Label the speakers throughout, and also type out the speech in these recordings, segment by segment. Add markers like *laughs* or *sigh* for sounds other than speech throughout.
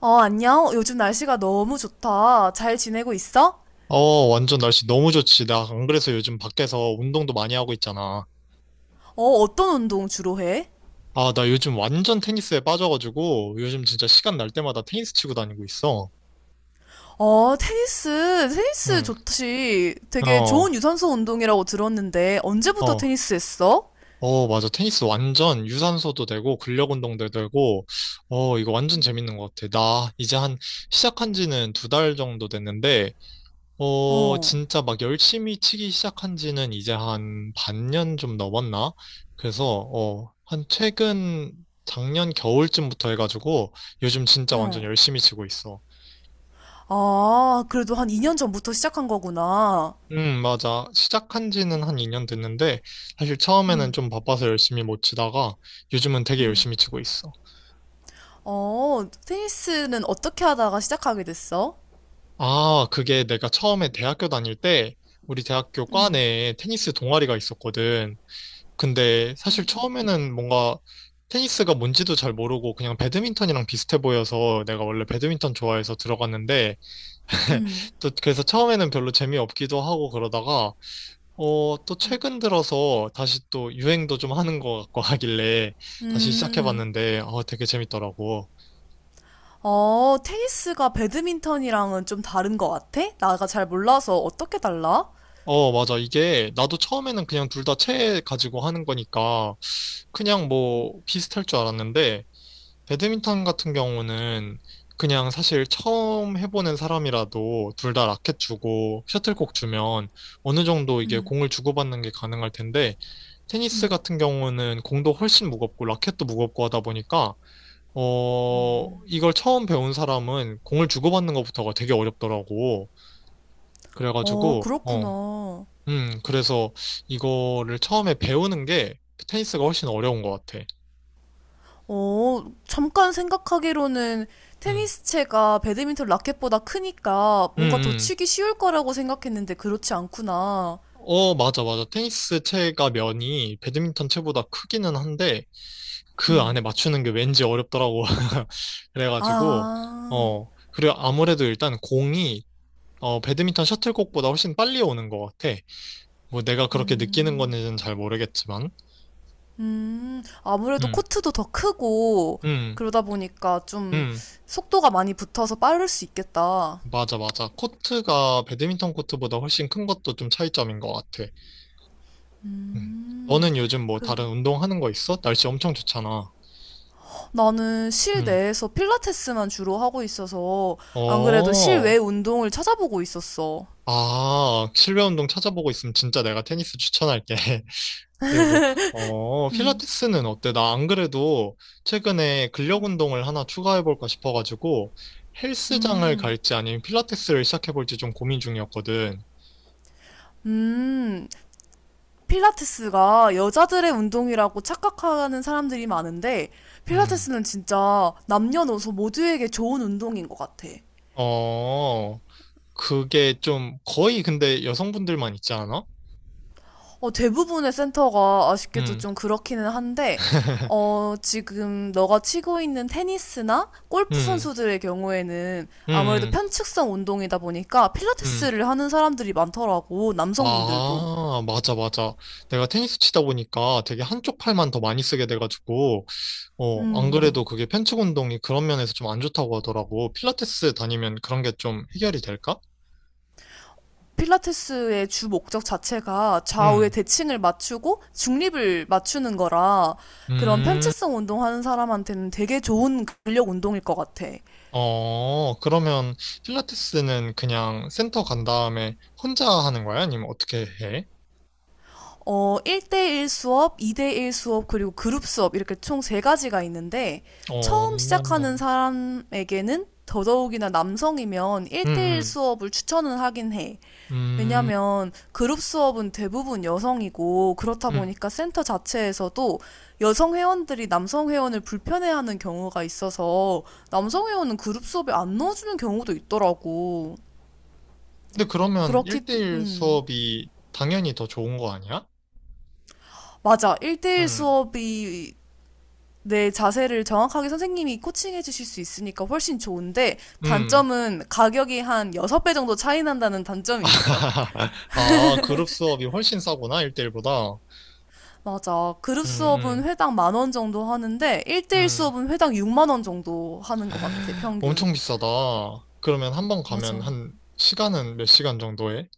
Speaker 1: 어, 안녕. 요즘 날씨가 너무 좋다. 잘 지내고 있어?
Speaker 2: 어, 완전 날씨 너무 좋지. 나 안 그래서 요즘 밖에서 운동도 많이 하고 있잖아.
Speaker 1: 어, 어떤 운동 주로 해?
Speaker 2: 아, 나 요즘 완전 테니스에 빠져가지고 요즘 진짜 시간 날 때마다 테니스 치고 다니고 있어.
Speaker 1: 어, 테니스. 테니스
Speaker 2: 응,
Speaker 1: 좋지. 되게
Speaker 2: 어,
Speaker 1: 좋은 유산소 운동이라고 들었는데, 언제부터
Speaker 2: 어,
Speaker 1: 테니스 했어?
Speaker 2: 어, 맞아. 테니스 완전 유산소도 되고 근력 운동도 되고, 어, 이거 완전 재밌는 것 같아. 나 이제 한 시작한 지는 두 달 정도 됐는데, 어,
Speaker 1: 어,
Speaker 2: 진짜 막 열심히 치기 시작한 지는 이제 한 반년 좀 넘었나? 그래서, 어, 한 최근 작년 겨울쯤부터 해가지고 요즘 진짜 완전
Speaker 1: 응.
Speaker 2: 열심히 치고 있어.
Speaker 1: 아, 그래도 한 2년 전부터 시작한 거구나.
Speaker 2: 맞아. 시작한 지는 한 2년 됐는데 사실 처음에는
Speaker 1: 응,
Speaker 2: 좀 바빠서 열심히 못 치다가 요즘은 되게
Speaker 1: 응.
Speaker 2: 열심히 치고 있어.
Speaker 1: 어, 테니스는 어떻게 하다가 시작하게 됐어?
Speaker 2: 아, 그게 내가 처음에 대학교 다닐 때 우리 대학교 과
Speaker 1: 응,
Speaker 2: 내에 테니스 동아리가 있었거든. 근데 사실 처음에는 뭔가 테니스가 뭔지도 잘 모르고 그냥 배드민턴이랑 비슷해 보여서 내가 원래 배드민턴 좋아해서 들어갔는데 *laughs*
Speaker 1: 응,
Speaker 2: 또 그래서 처음에는 별로 재미없기도 하고 그러다가 어, 또 최근 들어서 다시 또 유행도 좀 하는 것 같고 하길래 다시
Speaker 1: 음.
Speaker 2: 시작해봤는데 어, 되게 재밌더라고.
Speaker 1: 어, 테니스가 배드민턴이랑은 좀 다른 것 같아? 나가 잘 몰라서 어떻게 달라?
Speaker 2: 어, 맞아. 이게 나도 처음에는 그냥 둘 다 채 가지고 하는 거니까 그냥 뭐 비슷할 줄 알았는데 배드민턴 같은 경우는 그냥 사실 처음 해보는 사람이라도 둘 다 라켓 주고 셔틀콕 주면 어느 정도 이게
Speaker 1: 음.
Speaker 2: 공을 주고받는 게 가능할 텐데 테니스 같은 경우는 공도 훨씬 무겁고 라켓도 무겁고 하다 보니까 어 이걸 처음 배운 사람은 공을 주고받는 것부터가 되게 어렵더라고.
Speaker 1: 어,
Speaker 2: 그래가지고
Speaker 1: 그렇구나.
Speaker 2: 그래서 이거를 처음에 배우는 게 테니스가 훨씬 어려운 것 같아.
Speaker 1: 어, 잠깐 생각하기로는
Speaker 2: 음.
Speaker 1: 테니스채가 배드민턴 라켓보다 크니까
Speaker 2: 음,
Speaker 1: 뭔가 더
Speaker 2: 음.
Speaker 1: 치기 쉬울 거라고 생각했는데 그렇지 않구나.
Speaker 2: 어, 맞아, 맞아. 테니스 채가 면이 배드민턴 채보다 크기는 한데, 그 안에
Speaker 1: 음.
Speaker 2: 맞추는 게 왠지 어렵더라고. *laughs* 그래가지고,
Speaker 1: 아,
Speaker 2: 어, 그리고 아무래도 일단 공이, 배드민턴 셔틀콕보다 훨씬 빨리 오는 것 같아. 뭐 내가 그렇게 느끼는
Speaker 1: 음,
Speaker 2: 건지는 잘 모르겠지만,
Speaker 1: 아무래도
Speaker 2: 음,
Speaker 1: 코트도 더 크고
Speaker 2: 음,
Speaker 1: 그러다 보니까 좀
Speaker 2: 음.
Speaker 1: 속도가 많이 붙어서 빠를 수 있겠다.
Speaker 2: 맞아, 맞아. 코트가 배드민턴 코트보다 훨씬 큰 것도 좀 차이점인 것 같아. 음.
Speaker 1: 음.
Speaker 2: 너는 요즘 뭐 다른
Speaker 1: 그,
Speaker 2: 운동하는 거 있어? 날씨 엄청 좋잖아.
Speaker 1: 나는
Speaker 2: 음.
Speaker 1: 실내에서 필라테스만 주로 하고 있어서 안 그래도
Speaker 2: 어.
Speaker 1: 실외 운동을 찾아보고 있었어.
Speaker 2: 아, 실내 운동 찾아보고 있으면 진짜 내가 테니스 추천할게. *laughs* 그리고, 어,
Speaker 1: 음,
Speaker 2: 필라테스는 어때? 나 안 그래도 최근에 근력 운동을 하나 추가해볼까 싶어가지고 헬스장을
Speaker 1: 음,
Speaker 2: 갈지 아니면 필라테스를 시작해볼지 좀 고민 중이었거든.
Speaker 1: 음. 필라테스가 여자들의 운동이라고 착각하는 사람들이 많은데
Speaker 2: 음,
Speaker 1: 필라테스는 진짜 남녀노소 모두에게 좋은 운동인 것 같아.
Speaker 2: 어, 그게 좀 거의 근데 여성분들만 있지 않아?
Speaker 1: 어, 대부분의 센터가 아쉽게도
Speaker 2: 음,
Speaker 1: 좀 그렇기는 한데,
Speaker 2: *laughs*
Speaker 1: 어, 지금 너가 치고 있는 테니스나 골프
Speaker 2: 음,
Speaker 1: 선수들의 경우에는 아무래도
Speaker 2: 음,
Speaker 1: 편측성 운동이다 보니까
Speaker 2: 음.
Speaker 1: 필라테스를 하는 사람들이 많더라고, 남성분들도.
Speaker 2: 아, 맞아, 맞아. 내가 테니스 치다 보니까 되게 한쪽 팔만 더 많이 쓰게 돼가지고, 어, 안 그래도
Speaker 1: 음.
Speaker 2: 그게 편측 운동이 그런 면에서 좀 안 좋다고 하더라고. 필라테스 다니면 그런 게 좀 해결이 될까?
Speaker 1: 필라테스의 주 목적 자체가 좌우의
Speaker 2: 음,
Speaker 1: 대칭을 맞추고 중립을 맞추는 거라 그런
Speaker 2: 음,
Speaker 1: 편측성 운동하는 사람한테는 되게 좋은 근력 운동일 것 같아.
Speaker 2: 어, 그러면 필라테스는 그냥 센터 간 다음에 혼자 하는 거야? 아니면 어떻게 해?
Speaker 1: 어, 1대1 수업, 2대1 수업, 그리고 그룹 수업, 이렇게 총 세 가지가 있는데,
Speaker 2: 어,
Speaker 1: 처음 시작하는 사람에게는 더더욱이나 남성이면 1대1
Speaker 2: 음,
Speaker 1: 수업을 추천은 하긴 해.
Speaker 2: 음,
Speaker 1: 왜냐면 그룹 수업은 대부분 여성이고, 그렇다
Speaker 2: 음.
Speaker 1: 보니까 센터 자체에서도 여성 회원들이 남성 회원을 불편해하는 경우가 있어서, 남성 회원은 그룹 수업에 안 넣어주는 경우도 있더라고.
Speaker 2: 근데 그러면
Speaker 1: 그렇기,
Speaker 2: 1대1
Speaker 1: 음.
Speaker 2: 수업이 당연히 더 좋은 거 아니야?
Speaker 1: 맞아. 1대1
Speaker 2: 음,
Speaker 1: 수업이 내 자세를 정확하게 선생님이 코칭해 주실 수 있으니까 훨씬 좋은데
Speaker 2: 음.
Speaker 1: 단점은 가격이 한 6배 정도 차이 난다는 단점이 있어.
Speaker 2: *laughs* 아, 그룹 수업이 훨씬 싸구나, 1대1보다.
Speaker 1: 맞아. 그룹
Speaker 2: 음,
Speaker 1: 수업은
Speaker 2: 음,
Speaker 1: 회당 만원 정도 하는데 1대1
Speaker 2: 음.
Speaker 1: 수업은 회당 6만 원 정도 하는 것 같아,
Speaker 2: 엄청
Speaker 1: 평균.
Speaker 2: 비싸다. 그러면 한 번 가면
Speaker 1: 맞아.
Speaker 2: 한 시간은 몇 시간 정도 해?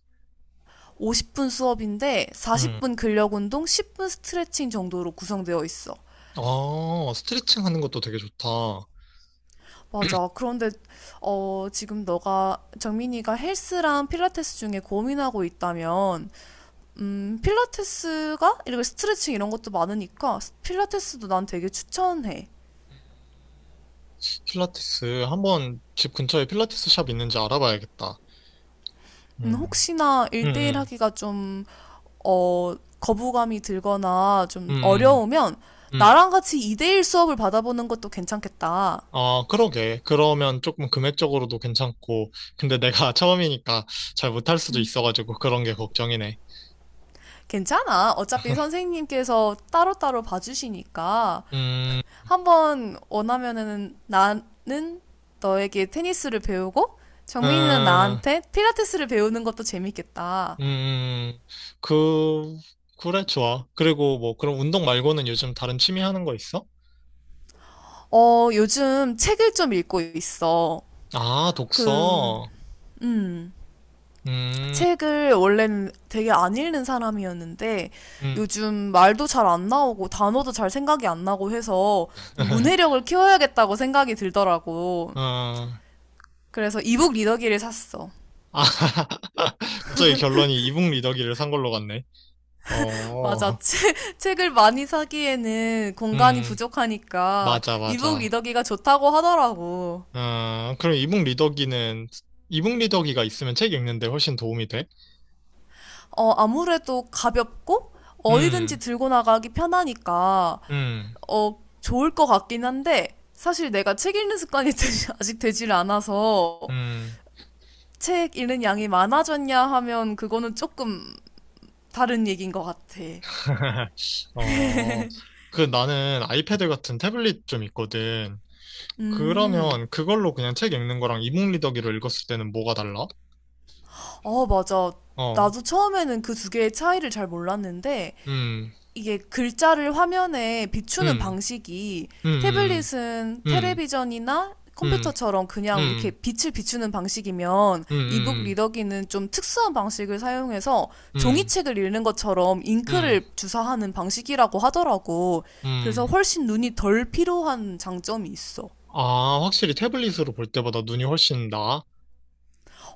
Speaker 1: 50분 수업인데
Speaker 2: 음.
Speaker 1: 40분 근력 운동, 10분 스트레칭 정도로 구성되어 있어.
Speaker 2: 아, 스트레칭 하는 것도 되게 좋다.
Speaker 1: 맞아. 그런데 어, 지금 너가 정민이가 헬스랑 필라테스 중에 고민하고 있다면 필라테스가 이렇게 스트레칭 이런 것도 많으니까 필라테스도 난 되게 추천해.
Speaker 2: 음, 필라테스. 한번 집 근처에 필라테스 샵 있는지 알아봐야겠다. 응
Speaker 1: 혹시나
Speaker 2: 음,
Speaker 1: 1대1
Speaker 2: 음,
Speaker 1: 하기가 좀, 어, 거부감이 들거나 좀
Speaker 2: 음, 음.
Speaker 1: 어려우면
Speaker 2: 음.
Speaker 1: 나랑 같이 2대1 수업을 받아보는 것도 괜찮겠다.
Speaker 2: 아, 그러게. 그러면 조금 금액적으로도 괜찮고. 근데 내가 *laughs* 처음이니까 잘 못할 수도 있어가지고 그런 게 걱정이네.
Speaker 1: 괜찮아. 어차피 선생님께서 따로따로 봐주시니까
Speaker 2: 음,
Speaker 1: 한번 원하면은 나는 너에게 테니스를 배우고 정민이는
Speaker 2: 음,
Speaker 1: 나한테 필라테스를 배우는 것도 재밌겠다.
Speaker 2: 음, 음. 그, 그래, 좋아. 그리고 뭐, 그럼 운동 말고는 요즘 다른 취미 하는 거 있어?
Speaker 1: 어, 요즘 책을 좀 읽고 있어.
Speaker 2: 아,
Speaker 1: 그,
Speaker 2: 독서.
Speaker 1: 음,
Speaker 2: 음,
Speaker 1: 책을 원래는 되게 안 읽는 사람이었는데
Speaker 2: 음,
Speaker 1: 요즘 말도 잘 안 나오고 단어도 잘 생각이 안 나고 해서 좀 문해력을
Speaker 2: *laughs*
Speaker 1: 키워야겠다고 생각이 들더라고.
Speaker 2: 어, 아,
Speaker 1: 그래서 이북 리더기를 샀어.
Speaker 2: *laughs* 갑자기 결론이 이북 리더기를 산 걸로 갔네.
Speaker 1: *laughs* 맞아.
Speaker 2: 어,
Speaker 1: 책을 많이 사기에는 공간이
Speaker 2: 음,
Speaker 1: 부족하니까
Speaker 2: 맞아,
Speaker 1: 이북
Speaker 2: 맞아.
Speaker 1: 리더기가 좋다고 하더라고.
Speaker 2: 아, 그럼 이북 리더기는, 이북 리더기가 있으면 책 읽는데 훨씬 도움이 돼?
Speaker 1: 어, 아무래도 가볍고 어디든지
Speaker 2: 음,
Speaker 1: 들고 나가기 편하니까
Speaker 2: 음,
Speaker 1: 어, 좋을 것 같긴 한데, 사실 내가 책 읽는 습관이 *laughs* 아직 되질 않아서,
Speaker 2: 음.
Speaker 1: 책 읽는 양이 많아졌냐 하면 그거는 조금 다른 얘기인 것 같아.
Speaker 2: *laughs* 어, 그 나는 아이패드 같은 태블릿 좀 있거든.
Speaker 1: 음,
Speaker 2: 그러면 그걸로 그냥 책 읽는 거랑 이북 리더기로 읽었을 때는 뭐가 달라?
Speaker 1: 어, 맞아.
Speaker 2: 어,
Speaker 1: 나도 처음에는 그 두 개의 차이를 잘 몰랐는데,
Speaker 2: 음,
Speaker 1: 이게 글자를 화면에 비추는
Speaker 2: 음,
Speaker 1: 방식이
Speaker 2: 음,
Speaker 1: 태블릿은
Speaker 2: 음,
Speaker 1: 텔레비전이나
Speaker 2: 음,
Speaker 1: 컴퓨터처럼
Speaker 2: 음,
Speaker 1: 그냥 이렇게
Speaker 2: 음,
Speaker 1: 빛을 비추는 방식이면
Speaker 2: 음,
Speaker 1: 이북
Speaker 2: 음,
Speaker 1: 리더기는 좀 특수한 방식을 사용해서
Speaker 2: 음,
Speaker 1: 종이책을 읽는 것처럼
Speaker 2: 음.
Speaker 1: 잉크를
Speaker 2: 음,
Speaker 1: 주사하는 방식이라고 하더라고. 그래서
Speaker 2: 음.
Speaker 1: 훨씬 눈이 덜 필요한 장점이 있어.
Speaker 2: 아, 확실히 태블릿으로 볼 때보다 눈이 훨씬 나아?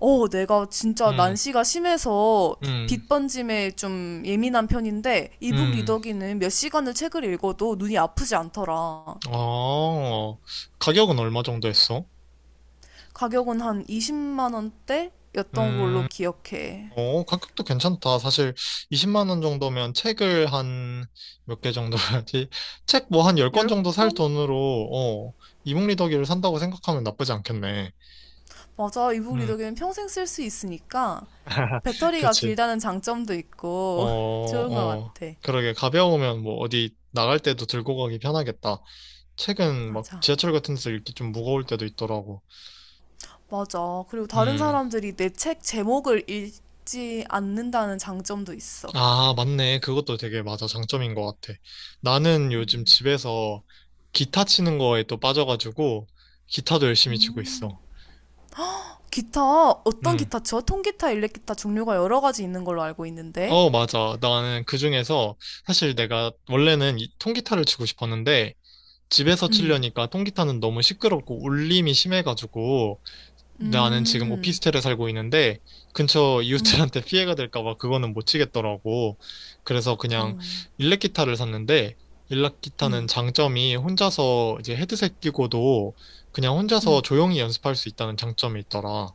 Speaker 1: 어, 내가 진짜
Speaker 2: 음,
Speaker 1: 난시가 심해서
Speaker 2: 음,
Speaker 1: 빛 번짐에 좀 예민한 편인데 이북
Speaker 2: 음.
Speaker 1: 리더기는 몇 시간을 책을 읽어도 눈이 아프지 않더라.
Speaker 2: 아, 가격은 얼마 정도 했어?
Speaker 1: 가격은 한 20만 원대였던 걸로
Speaker 2: 음,
Speaker 1: 기억해.
Speaker 2: 어, 가격도 괜찮다. 사실 20만 원 정도면 책을 한 몇 개 정도 해야지? *laughs* 책 뭐 한 열 권 정도 살
Speaker 1: 10권?
Speaker 2: 돈으로, 어, 이북리더기를 산다고 생각하면 나쁘지 않겠네.
Speaker 1: 맞아. 이북
Speaker 2: 음,
Speaker 1: 리더기는 평생 쓸 수 있으니까
Speaker 2: *laughs*
Speaker 1: 배터리가
Speaker 2: 그렇지.
Speaker 1: 길다는 장점도
Speaker 2: 어,
Speaker 1: 있고 *laughs* 좋은 것
Speaker 2: 어,
Speaker 1: 같아.
Speaker 2: 그러게 가벼우면 뭐 어디 나갈 때도 들고 가기 편하겠다. 책은 막
Speaker 1: 맞아.
Speaker 2: 지하철 같은 데서 읽기 좀 무거울 때도 있더라고.
Speaker 1: 맞아. 그리고 다른
Speaker 2: 음.
Speaker 1: 사람들이 내 책 제목을 읽지 않는다는 장점도 있어.
Speaker 2: 아, 맞네. 그것도 되게 맞아. 장점인 것 같아. 나는 요즘 집에서 기타 치는 거에 또 빠져가지고 기타도 열심히 치고 있어.
Speaker 1: 기타, 어떤
Speaker 2: 음.
Speaker 1: 기타 쳐? 통기타, 일렉기타 종류가 여러 가지 있는 걸로 알고 있는데.
Speaker 2: 어, 맞아. 나는 그 중에서 사실 내가 원래는 이 통기타를 치고 싶었는데 집에서
Speaker 1: 음,
Speaker 2: 치려니까 통기타는 너무 시끄럽고 울림이 심해가지고 나는 지금
Speaker 1: 음,
Speaker 2: 오피스텔에 살고 있는데 근처
Speaker 1: 음,
Speaker 2: 이웃들한테 *laughs* 피해가 될까 봐 그거는 못 치겠더라고. 그래서
Speaker 1: 어,
Speaker 2: 그냥 일렉 기타를 샀는데 일렉 기타는
Speaker 1: 음.
Speaker 2: 장점이 혼자서 이제 헤드셋 끼고도 그냥 혼자서 조용히 연습할 수 있다는 장점이 있더라.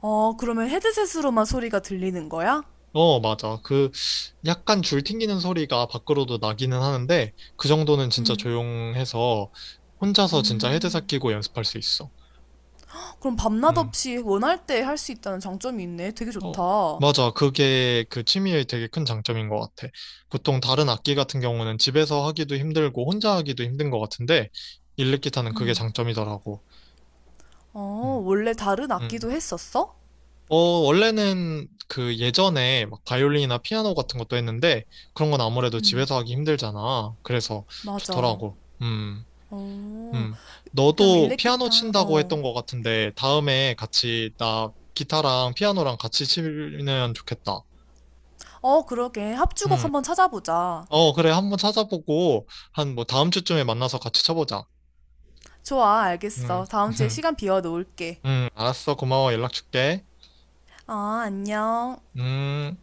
Speaker 1: 어, 그러면 헤드셋으로만 소리가 들리는 거야?
Speaker 2: 어, 맞아. 그 약간 줄 튕기는 소리가 밖으로도 나기는 하는데 그 정도는 진짜 조용해서 혼자서 진짜 헤드셋 끼고 연습할 수 있어.
Speaker 1: 그럼 밤낮
Speaker 2: 음.
Speaker 1: 없이 원할 때 할 수 있다는 장점이 있네. 되게
Speaker 2: 어,
Speaker 1: 좋다.
Speaker 2: 맞아. 그게 그 취미의 되게 큰 장점인 것 같아. 보통 다른 악기 같은 경우는 집에서 하기도 힘들고 혼자 하기도 힘든 것 같은데, 일렉기타는 그게 장점이더라고.
Speaker 1: 어,
Speaker 2: 음.
Speaker 1: 원래 다른
Speaker 2: 음.
Speaker 1: 악기도 했었어?
Speaker 2: 어, 원래는 그 예전에 막 바이올린이나 피아노 같은 것도 했는데, 그런 건 아무래도 집에서 하기 힘들잖아. 그래서
Speaker 1: 맞아.
Speaker 2: 좋더라고.
Speaker 1: 어,
Speaker 2: 음.
Speaker 1: 그럼
Speaker 2: 너도 피아노
Speaker 1: 일렉기타.
Speaker 2: 친다고
Speaker 1: 어.
Speaker 2: 했던 것 같은데, 다음에 같이 나 기타랑 피아노랑 같이 치면 좋겠다.
Speaker 1: 어, 그러게. 합주곡
Speaker 2: 음.
Speaker 1: 한번 찾아보자.
Speaker 2: 어, 그래. 한번 찾아보고, 한 뭐 다음 주쯤에 만나서 같이 쳐보자.
Speaker 1: 좋아,
Speaker 2: 음,
Speaker 1: 알겠어. 다음 주에
Speaker 2: *laughs*
Speaker 1: 시간 비워 놓을게.
Speaker 2: 알았어. 고마워. 연락 줄게.
Speaker 1: 아, 안녕.
Speaker 2: 음.